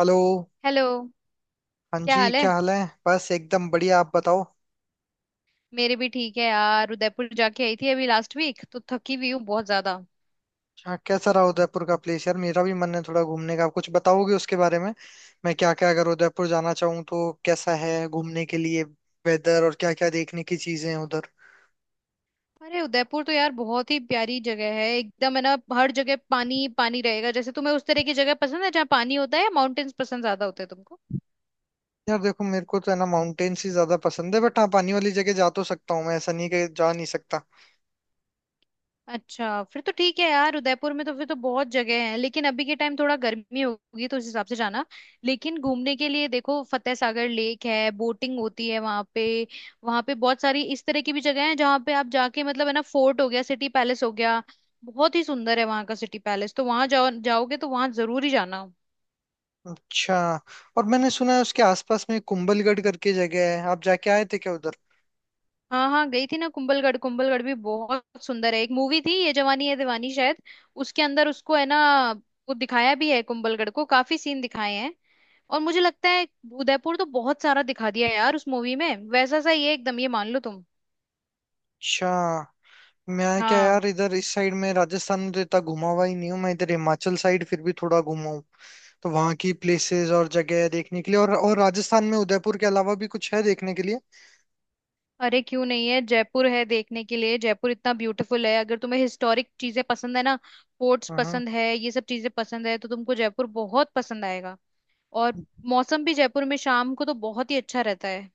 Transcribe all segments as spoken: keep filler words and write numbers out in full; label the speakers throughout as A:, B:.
A: Hello.
B: Hello.
A: हाँ
B: क्या
A: जी,
B: हाल है?
A: क्या हाल है? बस एकदम बढ़िया। आप बताओ,
B: मेरे भी ठीक है यार। उदयपुर जाके आई थी अभी लास्ट वीक, तो थकी हुई हूँ बहुत ज्यादा।
A: क्या कैसा रहा उदयपुर का प्लेस? यार मेरा भी मन है थोड़ा घूमने का, आप कुछ बताओगे उसके बारे में? मैं क्या क्या अगर उदयपुर जाना चाहूँ तो कैसा है घूमने के लिए, वेदर और क्या क्या देखने की चीजें हैं उधर?
B: अरे उदयपुर तो यार बहुत ही प्यारी जगह है एकदम, है ना। हर जगह पानी ही पानी रहेगा। जैसे तुम्हें उस तरह की जगह पसंद है जहाँ पानी होता है, या माउंटेन्स पसंद ज्यादा होते हैं तुमको?
A: यार देखो मेरे को तो है ना, माउंटेन्स ही ज्यादा पसंद है, बट हाँ पानी वाली जगह जा तो सकता हूँ, मैं ऐसा नहीं कि जा नहीं सकता।
B: अच्छा, फिर तो ठीक है यार। उदयपुर में तो फिर तो बहुत जगह है, लेकिन अभी के टाइम थोड़ा गर्मी होगी तो उस हिसाब से जाना। लेकिन घूमने के लिए देखो, फतेह सागर लेक है, बोटिंग होती है वहां पे। वहां पे बहुत सारी इस तरह की भी जगह है जहाँ पे आप जाके मतलब है ना, फोर्ट हो गया, सिटी पैलेस हो गया। बहुत ही सुंदर है वहां का सिटी पैलेस, तो वहां जाओ, जाओगे तो वहां जरूर ही जाना।
A: अच्छा। और मैंने सुना है उसके आसपास में कुंभलगढ़ करके जगह है, आप जाके आए थे क्या उधर?
B: हाँ हाँ, गई थी ना कुंभलगढ़। कुंभलगढ़ भी बहुत सुंदर है। एक मूवी थी, ये जवानी है दीवानी शायद, उसके अंदर उसको है ना, वो दिखाया भी है कुंभलगढ़ को, काफी सीन दिखाए हैं। और मुझे लगता है उदयपुर तो बहुत सारा दिखा दिया है यार उस मूवी में, वैसा सा ये एकदम ये मान लो तुम।
A: अच्छा। मैं क्या
B: हाँ।
A: यार, इधर इस साइड में राजस्थान में तो इतना घुमा हुआ ही नहीं हूँ, मैं इधर हिमाचल साइड फिर भी थोड़ा घुमा हूँ। तो वहाँ की प्लेसेस और जगह है देखने के लिए, और और राजस्थान में उदयपुर के अलावा भी कुछ है देखने के लिए?
B: अरे क्यों नहीं है, जयपुर है देखने के लिए। जयपुर इतना ब्यूटीफुल है, अगर तुम्हें हिस्टोरिक चीजें पसंद है ना, फोर्ट्स
A: हाँ।
B: पसंद है, ये सब चीजें पसंद है, तो तुमको जयपुर बहुत पसंद आएगा। और मौसम भी जयपुर में शाम को तो बहुत ही अच्छा रहता है।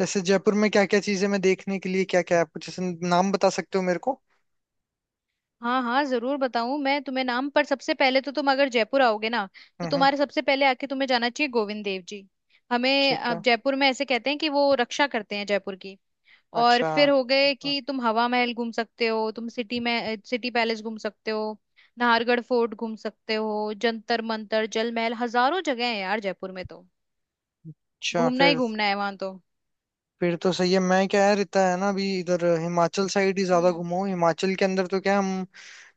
A: जैसे जयपुर में क्या क्या चीजें, मैं देखने के लिए क्या क्या है आप कुछ ऐसे नाम बता सकते हो मेरे को?
B: हाँ हाँ, जरूर बताऊं मैं तुम्हें नाम। पर सबसे पहले तो तुम अगर जयपुर आओगे ना, तो
A: हम्म।
B: तुम्हारे सबसे पहले आके तुम्हें जाना चाहिए गोविंद देव जी। हमें
A: ठीक
B: अ,
A: है।
B: जयपुर में ऐसे कहते हैं कि वो रक्षा करते हैं जयपुर की। और
A: अच्छा।
B: फिर हो गए
A: हाँ।
B: कि तुम हवा महल घूम सकते हो, तुम सिटी में सिटी पैलेस घूम सकते हो, नाहरगढ़ फोर्ट घूम सकते हो, जंतर मंतर, जल महल, हजारों जगह है यार जयपुर में तो।
A: अच्छा।
B: घूमना ही
A: फिर
B: घूमना है वहां तो।
A: फिर तो सही है। मैं क्या यार, इतना है ना अभी इधर हिमाचल साइड ही ज्यादा
B: हम्म
A: घुमा हूँ। हिमाचल के अंदर तो क्या हम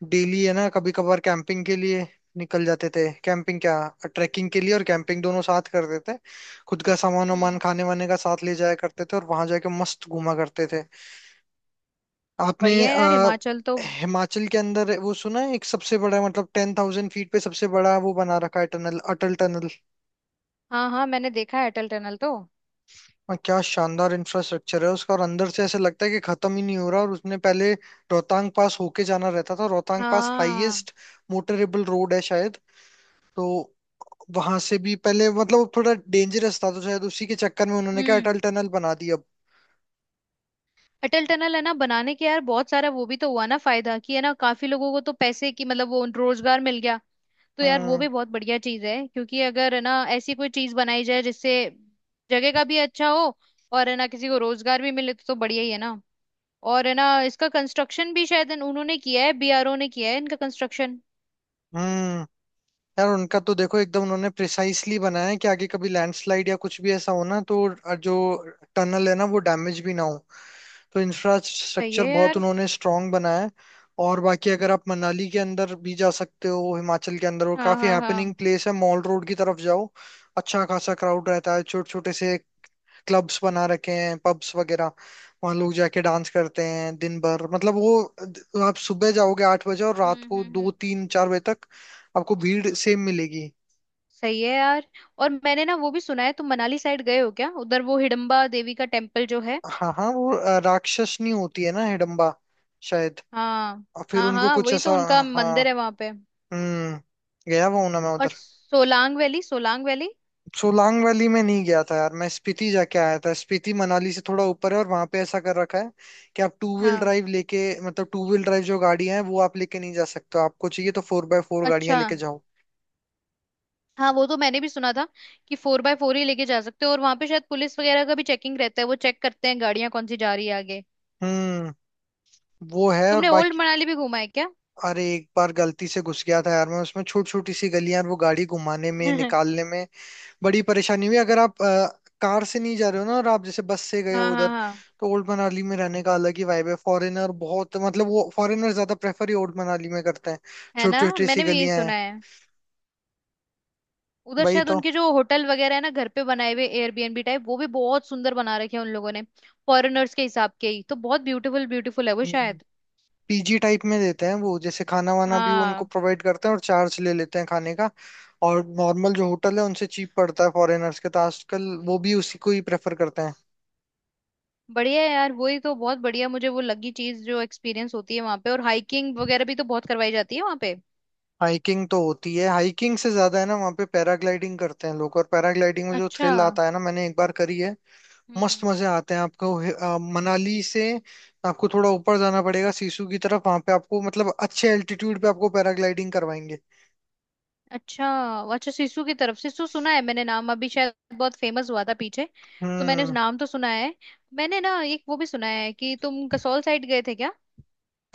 A: डेली है ना, कभी कभार कैंपिंग के लिए निकल जाते थे। कैंपिंग क्या, ट्रैकिंग के लिए और कैंपिंग दोनों साथ करते थे। खुद का सामान वामान
B: हम्म।
A: खाने वाने का साथ ले जाया करते थे, और वहां जाके मस्त घूमा करते थे। आपने
B: बढ़िया है यार
A: अ,
B: हिमाचल तो।
A: हिमाचल के अंदर वो सुना है, एक सबसे बड़ा मतलब टेन थाउजेंड फीट पे सबसे बड़ा वो बना रखा है टनल, अटल टनल।
B: हाँ हाँ, मैंने देखा है अटल टनल तो।
A: और क्या शानदार इंफ्रास्ट्रक्चर है उसका, और अंदर से ऐसे लगता है कि खत्म ही नहीं हो रहा। और उसने पहले रोहतांग पास होके जाना रहता था, रोहतांग पास
B: हाँ।
A: हाईएस्ट मोटरेबल रोड है शायद। तो वहां से भी पहले मतलब वो थोड़ा डेंजरस था, तो शायद उसी के चक्कर में उन्होंने क्या
B: हम्म।
A: अटल टनल बना दी अब।
B: अटल टनल है ना बनाने के यार, बहुत सारा वो भी तो हुआ ना फायदा, कि है ना काफी लोगों को तो पैसे की मतलब वो रोजगार मिल गया। तो यार वो
A: हम्म
B: भी बहुत बढ़िया चीज है, क्योंकि अगर है ना ऐसी कोई चीज बनाई जाए जिससे जगह का भी अच्छा हो, और है ना किसी को रोजगार भी मिले, तो, तो बढ़िया ही है ना। और है ना, इसका कंस्ट्रक्शन भी शायद इन- उन्होंने किया है, बी आर ओ ने किया है इनका कंस्ट्रक्शन।
A: हम्म। यार उनका तो देखो एकदम, उन्होंने प्रिसाइसली बनाया है कि आगे कभी लैंडस्लाइड या कुछ भी ऐसा हो ना, तो जो टनल है ना वो डैमेज भी ना हो। तो
B: सही
A: इंफ्रास्ट्रक्चर
B: है
A: बहुत
B: यार।
A: उन्होंने स्ट्रांग बनाया है। और बाकी अगर आप मनाली के अंदर भी जा सकते हो हिमाचल के अंदर, और
B: हाँ
A: काफी
B: हाँ
A: हैपनिंग
B: हाँ।
A: प्लेस है, मॉल रोड की तरफ जाओ। अच्छा खासा क्राउड रहता है, छोटे छोटे से क्लब्स बना रखे हैं, पब्स वगैरह। वहां लोग जाके डांस करते हैं दिन भर, मतलब वो आप सुबह जाओगे आठ बजे और रात
B: हम्म
A: को
B: हम्म
A: दो
B: हम्म।
A: तीन चार बजे तक आपको भीड़ सेम मिलेगी।
B: सही है यार। और मैंने ना वो भी सुना है, तुम मनाली साइड गए हो क्या उधर, वो हिडम्बा देवी का टेम्पल जो है।
A: हाँ हाँ, वो अ, राक्षसनी होती है ना हिडम्बा, शायद।
B: हाँ।
A: और फिर
B: हाँ
A: उनको
B: हाँ,
A: कुछ
B: वही
A: ऐसा।
B: तो उनका मंदिर
A: हाँ।
B: है वहां पे।
A: हम्म। गया हुआ हूं ना मैं
B: और
A: उधर।
B: Solang valley, Solang valley.
A: Solang valley में नहीं गया था यार मैं, स्पीति जाके आया था। स्पीति मनाली से थोड़ा ऊपर है और वहां पे ऐसा कर रखा है कि आप टू व्हील
B: हाँ।
A: ड्राइव लेके, मतलब टू व्हील ड्राइव जो गाड़ियां हैं वो आप लेके नहीं जा सकते हो। आपको चाहिए तो फोर बाय फोर गाड़ियां
B: अच्छा।
A: लेके जाओ।
B: हाँ, वो तो मैंने भी सुना था कि फोर बाय फोर ही लेके जा सकते हो, और वहां पे शायद पुलिस वगैरह का भी चेकिंग रहता है, वो चेक करते हैं गाड़ियां कौन सी जा रही है आगे।
A: हम्म। वो है। और
B: तुमने ओल्ड
A: बाकी
B: मनाली भी घूमा है क्या?
A: अरे, एक बार गलती से घुस गया था यार मैं उसमें, छोटी छोटी सी गलियां, और वो गाड़ी घुमाने में
B: हाँ।
A: निकालने में बड़ी परेशानी हुई। अगर आप अ, कार से नहीं जा रहे हो ना, और आप जैसे बस से गए हो
B: हाँ
A: उधर,
B: हाँ।
A: तो ओल्ड मनाली में रहने का अलग ही वाइब है। फॉरेनर बहुत, मतलब वो फॉरेनर ज्यादा प्रेफर ही ओल्ड मनाली में करते हैं।
B: है ना,
A: छोटी छोटी सी
B: मैंने भी यही
A: गलियां
B: सुना
A: हैं।
B: है। उधर
A: भाई
B: शायद
A: तो।
B: उनके जो होटल वगैरह है ना, घर पे बनाए हुए एयरबीएनबी टाइप, वो भी बहुत सुंदर बना रखे हैं उन लोगों ने। फॉरेनर्स के हिसाब के ही तो, बहुत ब्यूटीफुल ब्यूटीफुल है वो
A: हम्म।
B: शायद।
A: पीजी टाइप में देते हैं वो, जैसे खाना वाना भी वो उनको
B: हाँ।
A: प्रोवाइड करते हैं और चार्ज ले लेते हैं खाने का। और नॉर्मल जो होटल है उनसे चीप पड़ता है फॉरेनर्स के, तो आजकल वो भी उसी को ही प्रेफर करते हैं।
B: बढ़िया है यार, वही तो बहुत बढ़िया मुझे वो लगी चीज जो एक्सपीरियंस होती है वहां पे, और हाइकिंग वगैरह भी तो बहुत करवाई जाती है वहां पे।
A: हाइकिंग तो होती है, हाइकिंग से ज्यादा है ना वहाँ पे पैराग्लाइडिंग करते हैं लोग। और पैराग्लाइडिंग में जो
B: अच्छा।
A: थ्रिल आता है ना, मैंने एक बार करी है, मस्त
B: हम्म।
A: मजे आते हैं आपको। हे- अ, मनाली से आपको थोड़ा ऊपर जाना पड़ेगा सिसु की तरफ, वहां पे आपको मतलब अच्छे एल्टीट्यूड पे आपको पैराग्लाइडिंग करवाएंगे।
B: अच्छा। अच्छा सिसु की तरफ, सिसु सुना है मैंने नाम, अभी शायद बहुत फेमस हुआ था पीछे, तो मैंने उस
A: हम्म।
B: नाम तो सुना है। मैंने ना एक वो भी सुना है कि तुम कसौल साइड गए थे क्या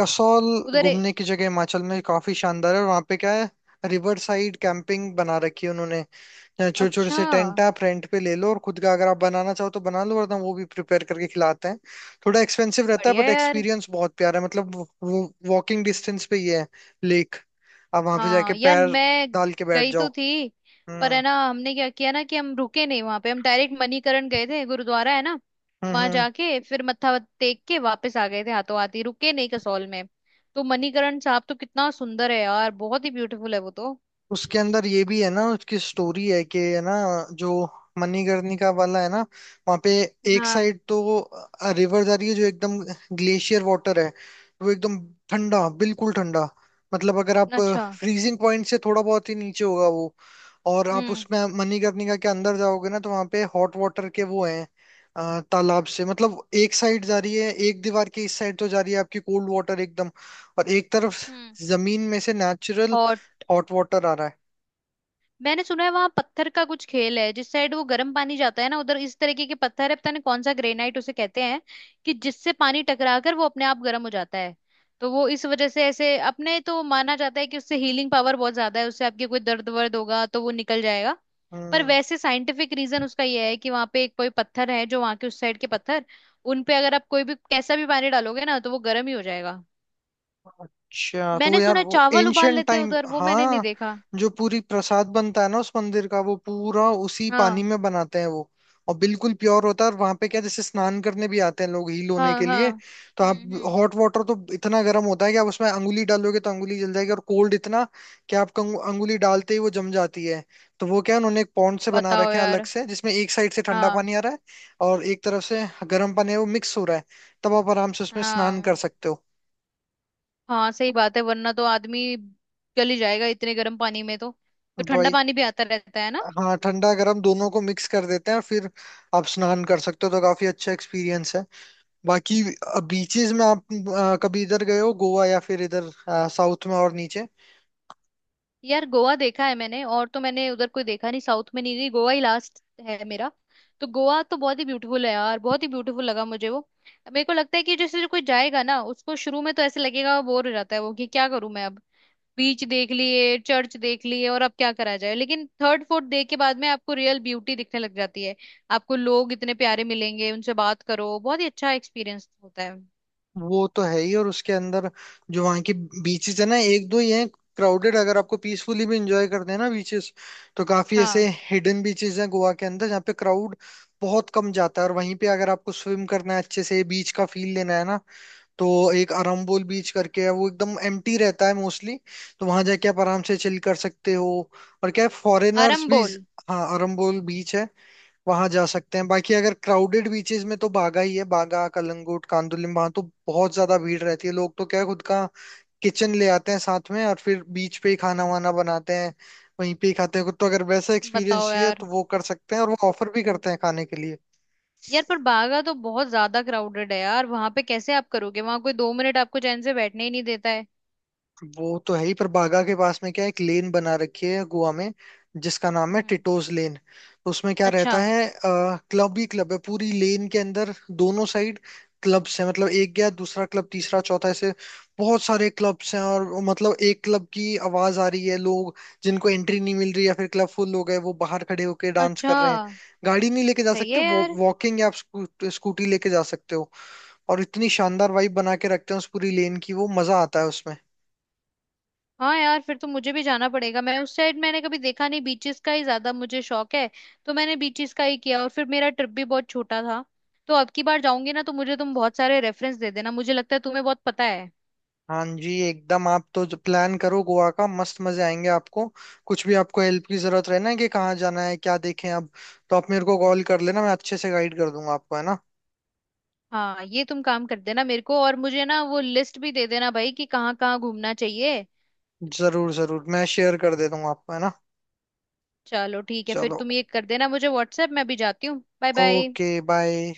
A: कसौल
B: उधर
A: घूमने
B: ए-
A: की जगह हिमाचल में काफी शानदार है। और वहां पे क्या है, रिवर साइड कैंपिंग बना रखी है उन्होंने। छोटे छोटे
B: अच्छा।
A: से टेंट आप रेंट पे ले लो, और खुद का अगर आप बनाना चाहो तो बना लो, वरना वो भी प्रिपेयर करके खिलाते हैं। थोड़ा एक्सपेंसिव रहता है
B: बढ़िया
A: बट
B: यार।
A: एक्सपीरियंस बहुत प्यारा है मतलब वो। वॉकिंग डिस्टेंस पे ही है लेक, आप वहां पे जाके
B: हाँ यार
A: पैर
B: मैं
A: डाल के बैठ
B: गई
A: जाओ।
B: तो थी, पर
A: हम्म
B: है ना हमने क्या किया ना कि हम रुके नहीं वहां पे, हम डायरेक्ट मणिकरण गए थे, गुरुद्वारा है ना,
A: हम्म
B: वहां
A: हम्म।
B: जाके फिर मत्था टेक के वापस आ गए थे, हाथों हाथ ही, रुके नहीं कसौल में। तो मणिकरण साहब तो कितना सुंदर है यार, बहुत ही ब्यूटीफुल है वो तो।
A: उसके अंदर ये भी है ना, उसकी स्टोरी है कि है ना, जो मणिकर्णिका वाला है ना, वहाँ पे एक
B: हाँ।
A: साइड तो रिवर जा रही है जो एकदम ग्लेशियर वाटर है, वो एकदम ठंडा, बिल्कुल ठंडा। मतलब अगर आप
B: अच्छा।
A: फ्रीजिंग पॉइंट से थोड़ा बहुत ही नीचे होगा वो। और आप
B: हम्म
A: उसमें मणिकर्णिका के अंदर जाओगे ना, तो वहां पे हॉट वाटर के वो हैं। अ, तालाब से मतलब एक साइड जा रही है, एक दीवार की इस साइड तो जा रही है आपकी कोल्ड वाटर एकदम, और एक तरफ
B: हम्म।
A: जमीन में से नेचुरल
B: और
A: हॉट वाटर आ रहा है।
B: मैंने सुना है वहां पत्थर का कुछ खेल है, जिस साइड वो गर्म पानी जाता है ना उधर, इस तरीके के पत्थर है, पता नहीं कौन सा, ग्रेनाइट उसे कहते हैं, कि जिससे पानी टकरा कर वो अपने आप गर्म हो जाता है। तो वो इस वजह से ऐसे अपने तो माना जाता है कि उससे हीलिंग पावर बहुत ज्यादा है, उससे आपके कोई दर्द वर्द होगा तो वो निकल जाएगा। पर
A: हम्म।
B: वैसे साइंटिफिक रीजन उसका ये है कि वहां पे एक कोई पत्थर है, जो वहां के उस साइड के पत्थर, उन पे अगर आप कोई भी कैसा भी पानी डालोगे ना तो वो गर्म ही हो जाएगा।
A: अच्छा तो
B: मैंने
A: यार
B: सुना है
A: वो
B: चावल उबाल
A: एंशंट
B: लेते हैं
A: टाइम।
B: उधर, वो मैंने नहीं
A: हाँ।
B: देखा।
A: जो पूरी प्रसाद बनता है ना उस मंदिर का, वो पूरा उसी पानी
B: हाँ
A: में बनाते हैं वो। और बिल्कुल प्योर होता है। और वहां पे क्या, जैसे स्नान करने भी आते हैं लोग हील होने
B: हाँ।
A: के
B: हाँ।
A: लिए। तो आप,
B: हम्म हम्म।
A: हॉट वाटर तो इतना गर्म होता है कि आप उसमें अंगुली डालोगे तो अंगुली जल जाएगी, और कोल्ड इतना कि आप कंगु- अंगुली डालते ही वो जम जाती है। तो वो क्या है, उन्होंने एक पॉन्ड से बना
B: बताओ
A: रखे हैं अलग
B: यार।
A: से, जिसमें एक साइड से ठंडा
B: हाँ
A: पानी आ रहा है, और एक तरफ से गर्म पानी है, वो मिक्स हो रहा है। तब आप आराम से उसमें स्नान कर
B: हाँ
A: सकते हो।
B: हाँ, सही बात है, वरना तो आदमी गल ही जाएगा इतने गर्म पानी में तो। तो ठंडा
A: भाई
B: पानी भी आता रहता है ना।
A: हाँ, ठंडा गर्म दोनों को मिक्स कर देते हैं, और फिर आप स्नान कर सकते हो। तो काफी अच्छा एक्सपीरियंस है। बाकी बीचेस में आप अ, कभी इधर गए हो, गोवा या फिर इधर साउथ में और नीचे?
B: यार गोवा देखा है मैंने, और तो मैंने उधर कोई देखा नहीं, साउथ में नहीं गई, गोवा ही लास्ट है मेरा। तो गोवा तो बहुत ही ब्यूटीफुल है यार, बहुत ही ब्यूटीफुल लगा मुझे वो। मेरे को लगता है कि जैसे जो कोई जाएगा ना उसको शुरू में तो ऐसे लगेगा बोर हो जाता है वो कि क्या करूं मैं अब, बीच देख लिए, चर्च देख लिए, और अब क्या करा जाए। लेकिन थर्ड फोर्थ डे के बाद में आपको रियल ब्यूटी दिखने लग जाती है, आपको लोग इतने प्यारे मिलेंगे, उनसे बात करो, बहुत ही अच्छा एक्सपीरियंस होता है।
A: वो तो है ही। और उसके अंदर जो वहाँ की बीचेस है ना, एक दो ही हैं क्राउडेड। अगर आपको पीसफुली भी इंजॉय करते हैं ना बीचेस, तो काफी ऐसे
B: हाँ।
A: हिडन बीचेस हैं गोवा के अंदर जहाँ पे क्राउड बहुत कम जाता है। और वहीं पे अगर आपको स्विम करना है, अच्छे से बीच का फील लेना है ना, तो एक अरम्बोल बीच करके है, वो एकदम एम्प्टी रहता है मोस्टली। तो वहां जाके आप आराम से चिल कर सकते हो। और क्या है, फॉरेनर्स भी।
B: आरंबोल।
A: हाँ, अरम्बोल बीच है, वहां जा सकते हैं। बाकी अगर क्राउडेड बीचेस में तो बागा ही है, बागा कलंगुट कांदुलिम, वहां तो बहुत ज्यादा भीड़ रहती है लोग। तो क्या है, खुद का किचन ले आते हैं साथ में, और फिर बीच पे ही खाना वाना बनाते हैं, वहीं पे ही खाते हैं खुद। तो अगर वैसा
B: बताओ
A: एक्सपीरियंस चाहिए
B: यार।
A: तो वो कर सकते हैं, और वो ऑफर भी करते हैं खाने के लिए।
B: यार पर बागा तो बहुत ज्यादा क्राउडेड है यार, वहां पे कैसे आप करोगे, वहां कोई दो मिनट आपको चैन से बैठने ही नहीं देता है।
A: वो तो है ही। पर बागा के पास में क्या है, एक लेन बना रखी है गोवा में जिसका नाम है
B: हम्म।
A: टिटोज लेन। तो उसमें क्या
B: अच्छा।
A: रहता है, क्लब ही क्लब है पूरी लेन के अंदर, दोनों साइड क्लब्स हैं, मतलब एक गया दूसरा क्लब तीसरा चौथा, ऐसे बहुत सारे क्लब्स हैं। और वो मतलब एक क्लब की आवाज आ रही है, लोग जिनको एंट्री नहीं मिल रही या फिर क्लब फुल हो गए वो बाहर खड़े होके डांस
B: अच्छा।
A: कर रहे हैं। गाड़ी नहीं लेके जा
B: सही
A: सकते
B: है
A: वो,
B: यार।
A: वॉकिंग या आप स्कू, स्कूटी लेके जा सकते हो। और इतनी शानदार वाइब बना के रखते हैं उस पूरी लेन की, वो मजा आता है उसमें।
B: हाँ यार फिर तो मुझे भी जाना पड़ेगा, मैं उस साइड मैंने कभी देखा नहीं, बीचेस का ही ज्यादा मुझे शौक है, तो मैंने बीचेस का ही किया, और फिर मेरा ट्रिप भी बहुत छोटा था। तो अब की बार जाऊंगी ना तो मुझे तुम बहुत सारे रेफरेंस दे देना, मुझे लगता है तुम्हें बहुत पता है।
A: हाँ जी एकदम, आप तो प्लान करो गोवा का, मस्त मजे आएंगे आपको। कुछ भी आपको हेल्प की जरूरत रहे ना कि कहाँ जाना है क्या देखें, अब तो आप मेरे को कॉल कर लेना, मैं अच्छे से गाइड कर दूंगा आपको है ना।
B: हाँ, ये तुम काम कर देना मेरे को, और मुझे ना वो लिस्ट भी दे देना भाई कि कहाँ कहाँ घूमना चाहिए।
A: जरूर जरूर, मैं शेयर कर दे दूंगा आपको है ना।
B: चलो ठीक है, फिर
A: चलो,
B: तुम ये कर देना मुझे व्हाट्सएप, मैं भी जाती हूँ, बाय बाय।
A: Okay bye.